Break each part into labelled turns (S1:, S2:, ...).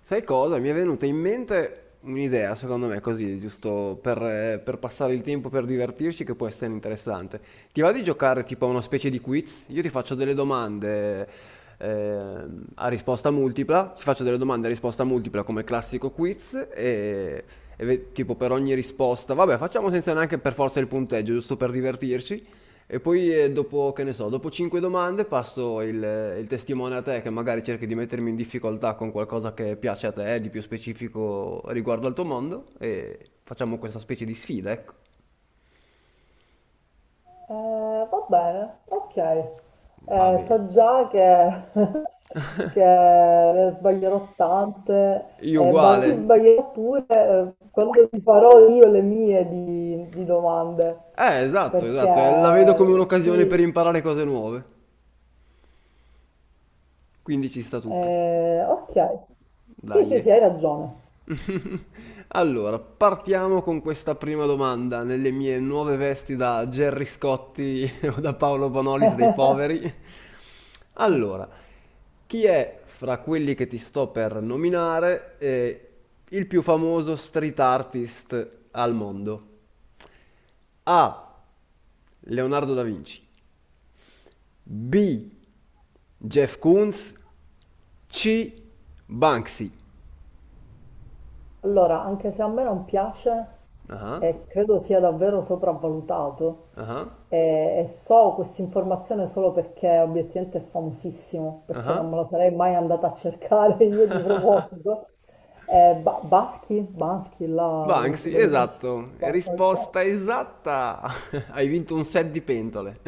S1: Sai cosa? Mi è venuta in mente un'idea, secondo me, così, giusto per passare il tempo, per divertirci, che può essere interessante. Ti va di giocare tipo a una specie di quiz? Io ti faccio delle domande a risposta multipla, ti faccio delle domande a risposta multipla come il classico quiz tipo per ogni risposta, vabbè, facciamo senza neanche per forza il punteggio, giusto per divertirci. E poi dopo, che ne so, dopo 5 domande passo il testimone a te che magari cerchi di mettermi in difficoltà con qualcosa che piace a te, di più specifico riguardo al tuo mondo e facciamo questa specie di sfida, ecco.
S2: Eh, va bene, ok.
S1: Va bene.
S2: So già che, che ne sbaglierò tante,
S1: Io
S2: e
S1: uguale.
S2: magari sbaglierò pure quando ti farò io le mie di domande,
S1: Esatto, esatto, la vedo come
S2: perché
S1: un'occasione per
S2: sì,
S1: imparare cose nuove. Quindi ci sta tutto.
S2: ok. Sì,
S1: Dai.
S2: sì, sì, hai ragione.
S1: Allora, partiamo con questa prima domanda nelle mie nuove vesti da Gerry Scotti o da Paolo Bonolis dei poveri. Allora, chi è fra quelli che ti sto per nominare il più famoso street artist al mondo? A. Leonardo da Vinci. B. Jeff Koons. C. Banksy.
S2: Allora, anche se a me non piace,
S1: Ah,
S2: Credo sia davvero sopravvalutato
S1: ah,
S2: e so questa informazione solo perché obiettivamente è famosissimo, perché non
S1: ah.
S2: me lo sarei mai andata a cercare io di proposito. Baschi? Baschi, là, come si
S1: Banksy,
S2: pronuncia?
S1: esatto,
S2: Ok.
S1: risposta esatta. Hai vinto un set di pentole.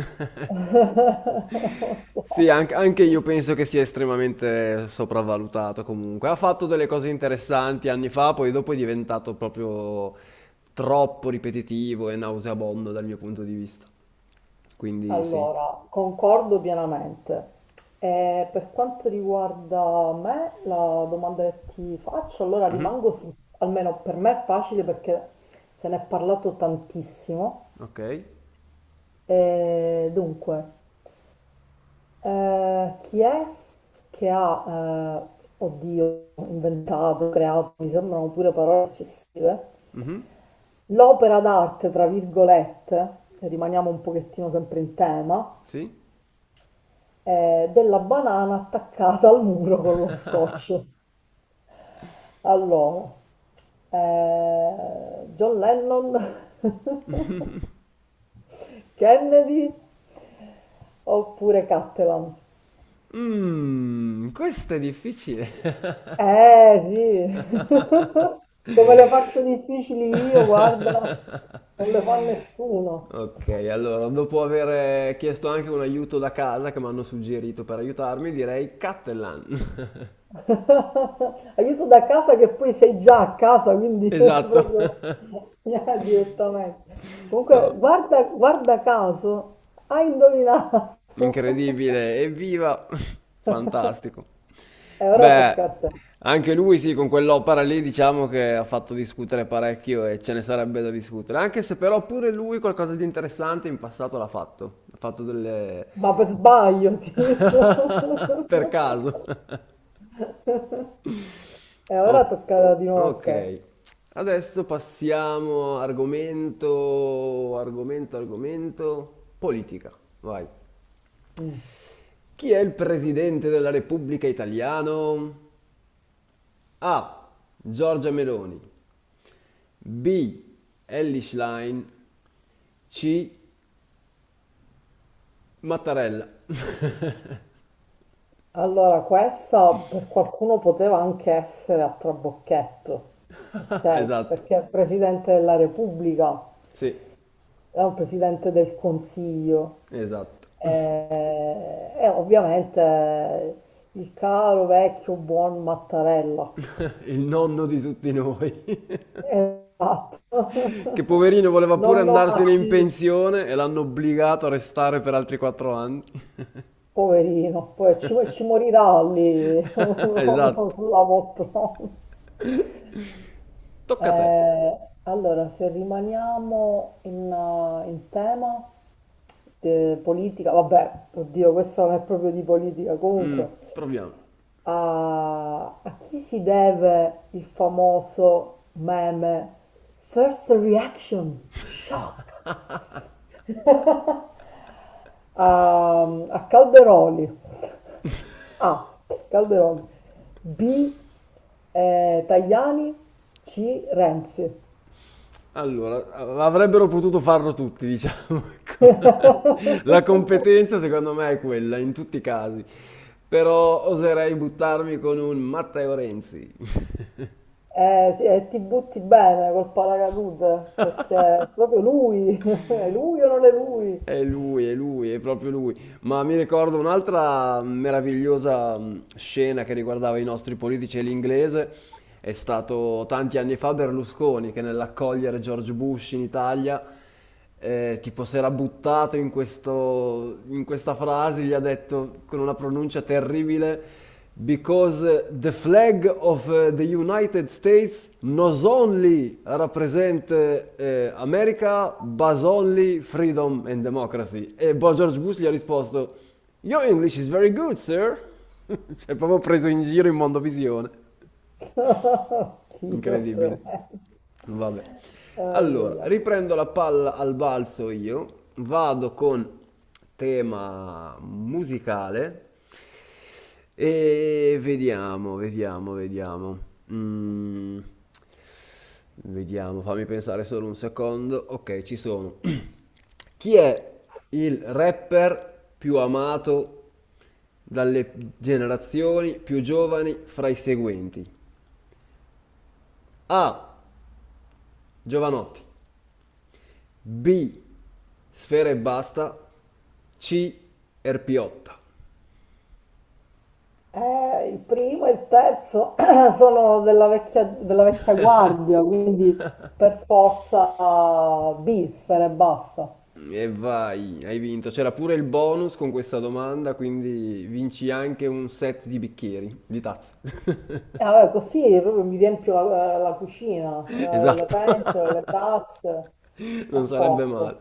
S2: Ok.
S1: Sì, anche, anche io penso che sia estremamente sopravvalutato comunque. Ha fatto delle cose interessanti anni fa, poi dopo è diventato proprio troppo ripetitivo e nauseabondo dal mio punto di vista. Quindi sì.
S2: Allora, concordo pienamente. E per quanto riguarda me, la domanda che ti faccio, allora
S1: Mhm.
S2: rimango su, almeno per me è facile perché se ne è parlato tantissimo.
S1: Ok.
S2: E dunque, chi è che ha, oddio, inventato, creato, mi sembrano pure parole eccessive,
S1: Mhm.
S2: l'opera d'arte, tra virgolette, rimaniamo un pochettino sempre in tema
S1: Sì.
S2: della banana attaccata al muro con lo scotch. Allora, John Lennon, Kennedy oppure Cattelan?
S1: Mmm, questo è difficile.
S2: Eh sì, come le faccio difficili io, guarda, non le fa nessuno.
S1: Ok, allora, dopo aver chiesto anche un aiuto da casa che mi hanno suggerito per aiutarmi, direi Cattelan.
S2: Aiuto da casa che poi sei già a casa, quindi
S1: Esatto.
S2: proprio... Ah, direttamente. Comunque,
S1: No.
S2: guarda, guarda caso, hai indovinato.
S1: Incredibile, evviva! Fantastico.
S2: E ora
S1: Beh,
S2: tocca a te.
S1: anche lui sì, con quell'opera lì diciamo che ha fatto discutere parecchio e ce ne sarebbe da discutere, anche se però pure lui qualcosa di interessante in passato l'ha fatto, ha fatto delle...
S2: Ma per sbaglio, tipo.
S1: per caso.
S2: E ora
S1: O-
S2: tocca di nuovo a te.
S1: ok, adesso passiamo argomento, argomento, argomento, politica, vai.
S2: Mm.
S1: Chi è il presidente della Repubblica italiano? A. Giorgia Meloni. B. Elly Schlein. C. Mattarella.
S2: Allora, questa per qualcuno poteva anche essere a trabocchetto,
S1: Ah,
S2: ok?
S1: esatto,
S2: Perché è il Presidente della Repubblica,
S1: sì,
S2: è un Presidente del Consiglio.
S1: esatto.
S2: E ovviamente il caro vecchio buon Mattarella.
S1: Il nonno di tutti noi.
S2: Esatto.
S1: Che poverino voleva pure
S2: Nonno
S1: andarsene in
S2: Matti,
S1: pensione e l'hanno obbligato a restare per altri 4 anni.
S2: poverino, ci morirà lì proprio
S1: Esatto.
S2: sulla poltrona.
S1: Tocca a te.
S2: Eh, allora, se rimaniamo in, in tema politica, vabbè, oddio, questo non è proprio di politica,
S1: Mm,
S2: comunque,
S1: proviamo.
S2: a chi si deve il famoso meme First Reaction Shock? A Calderoli. A. Calderoli. B. Tajani. C. Renzi.
S1: Allora, a avrebbero potuto farlo tutti, diciamo, ecco. La competenza secondo me è quella, in tutti i casi. Però oserei buttarmi con un Matteo Renzi.
S2: Sì, e ti butti bene col paracadute perché è proprio lui. È lui o non è lui?
S1: È lui, è lui, è proprio lui. Ma mi ricordo un'altra meravigliosa scena che riguardava i nostri politici e l'inglese. È stato tanti anni fa Berlusconi che nell'accogliere George Bush in Italia, tipo si era buttato in in questa frase, gli ha detto con una pronuncia terribile, because the flag of the United States not only represent America, but only freedom and democracy. E Bob George Bush gli ha risposto, your English is very good, sir. cioè, proprio preso in giro in mondovisione.
S2: Dio,
S1: Incredibile.
S2: tremendo.
S1: Vabbè.
S2: Ai,
S1: Allora,
S2: ai, ai.
S1: riprendo la palla al balzo io, vado con tema musicale e vediamo, vediamo, vediamo. Mm, vediamo, fammi pensare solo un secondo. Ok, ci sono. Chi è il rapper più amato dalle generazioni più giovani fra i seguenti? A. Giovanotti. B. Sfera e basta. C. Erpiotta.
S2: Il primo e il terzo sono della vecchia guardia, quindi per forza B, sfere e basta.
S1: E vai, hai vinto. C'era pure il bonus con questa domanda, quindi vinci anche un set di bicchieri, di tazze.
S2: E vabbè, così proprio mi riempio la cucina, le
S1: Esatto.
S2: pentole, le tazze, a
S1: Non sarebbe
S2: posto.
S1: male.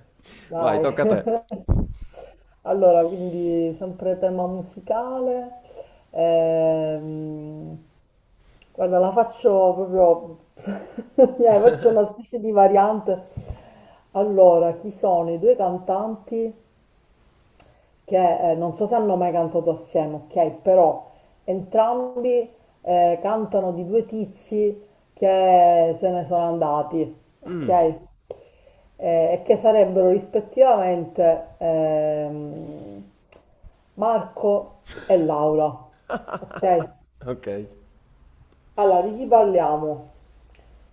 S1: Vai,
S2: Dai.
S1: tocca a te.
S2: Allora, quindi sempre tema musicale. Ehm, Guarda, la faccio proprio, faccio una specie di variante. Allora, chi sono i due cantanti che non so se hanno mai cantato assieme, ok? Però entrambi cantano di due tizi che se ne sono andati,
S1: Mm,
S2: ok? E che sarebbero rispettivamente Marco e Laura, ok?
S1: ok.
S2: Allora, di chi parliamo?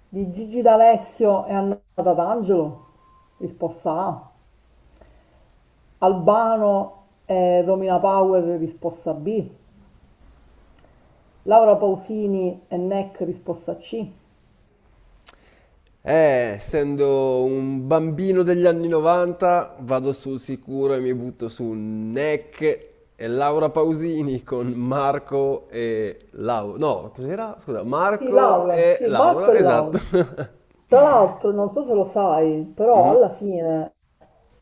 S2: Di Gigi D'Alessio e Anna Tatangelo? Risposta A. Albano e Romina Power? Risposta B. Laura Pausini e NEC? Risposta C.
S1: Essendo un bambino degli anni 90, vado sul sicuro e mi butto su Neck e Laura Pausini con Marco e Laura. No, cos'era? Scusa,
S2: Sì,
S1: Marco
S2: Laura,
S1: e
S2: sì, Marco
S1: Laura,
S2: e Laura.
S1: esatto.
S2: Tra l'altro, non so se lo sai, però
S1: Mhm,
S2: alla fine,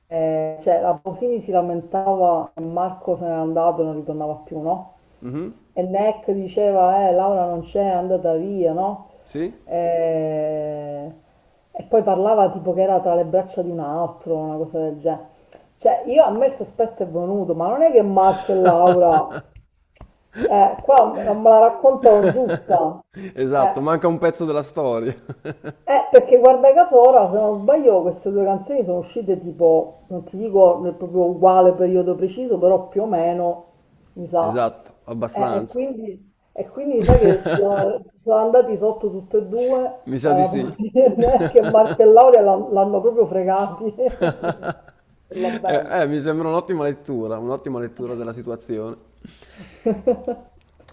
S2: la Pausini si lamentava che Marco se n'era andato e non ritornava più, no?
S1: mhm,
S2: E Neck diceva, Laura non c'è, è andata via, no?
S1: sì?
S2: Eh, e poi parlava tipo che era tra le braccia di un altro, una cosa del genere. Cioè, io a me il sospetto è venuto, ma non è che Marco e Laura, qua non me la raccontano giusta.
S1: Esatto,
S2: Eh,
S1: manca un pezzo della storia.
S2: perché guarda caso ora, se non sbaglio, queste due canzoni sono uscite tipo, non ti dico nel proprio uguale periodo preciso, però più o meno, mi sa.
S1: Esatto, abbastanza.
S2: E quindi sai che ci sono andati sotto tutte e due,
S1: Mi sa
S2: la
S1: di sì.
S2: Raposi che Marco e Laura l'hanno proprio fregati. Per la bella.
S1: Mi sembra un'ottima lettura della situazione.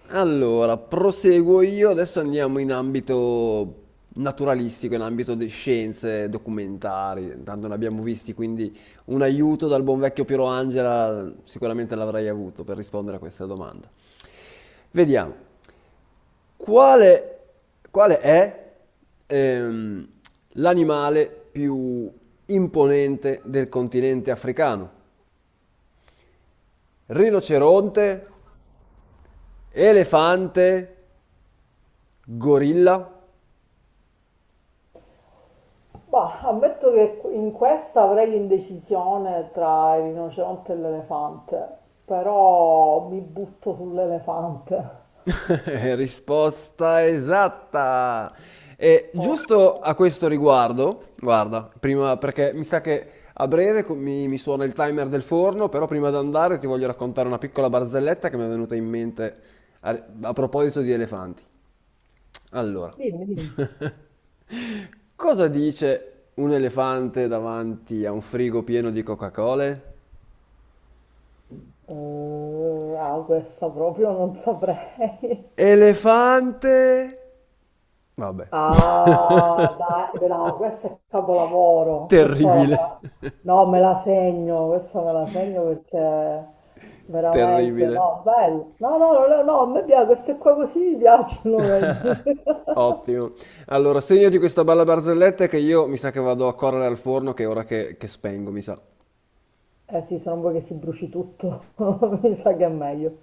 S1: Allora, proseguo io, adesso andiamo in ambito naturalistico, in ambito di scienze documentari, tanto ne abbiamo visti, quindi un aiuto dal buon vecchio Piero Angela sicuramente l'avrei avuto per rispondere a questa domanda. Vediamo, quale, quale è ehm, l'animale più imponente del continente africano? Rinoceronte, elefante, gorilla?
S2: Bah, ammetto che in questa avrei l'indecisione tra il rinoceronte e l'elefante, però mi butto sull'elefante.
S1: Risposta esatta! E
S2: Ok.
S1: giusto a questo riguardo, guarda, prima perché mi sa che a breve mi, mi suona il timer del forno, però prima di andare ti voglio raccontare una piccola barzelletta che mi è venuta in mente a, a proposito di elefanti. Allora,
S2: Dimmi, dimmi.
S1: cosa dice un elefante davanti a un frigo pieno di Coca-Cola?
S2: Ah, questa proprio non saprei.
S1: Elefante. Vabbè.
S2: Ah, dai, no, questo è capolavoro. Questa ora me
S1: Terribile.
S2: la- no, me la segno, questa me la segno perché veramente,
S1: Terribile.
S2: no, bello. No, no, no, no, no, a me piace, queste qua così mi piacciono, vedi.
S1: Ottimo. Allora, segnati questa bella barzelletta che io mi sa che vado a correre al forno che è ora che spengo, mi sa.
S2: Eh sì, se non vuoi che si bruci tutto, mi sa che è meglio.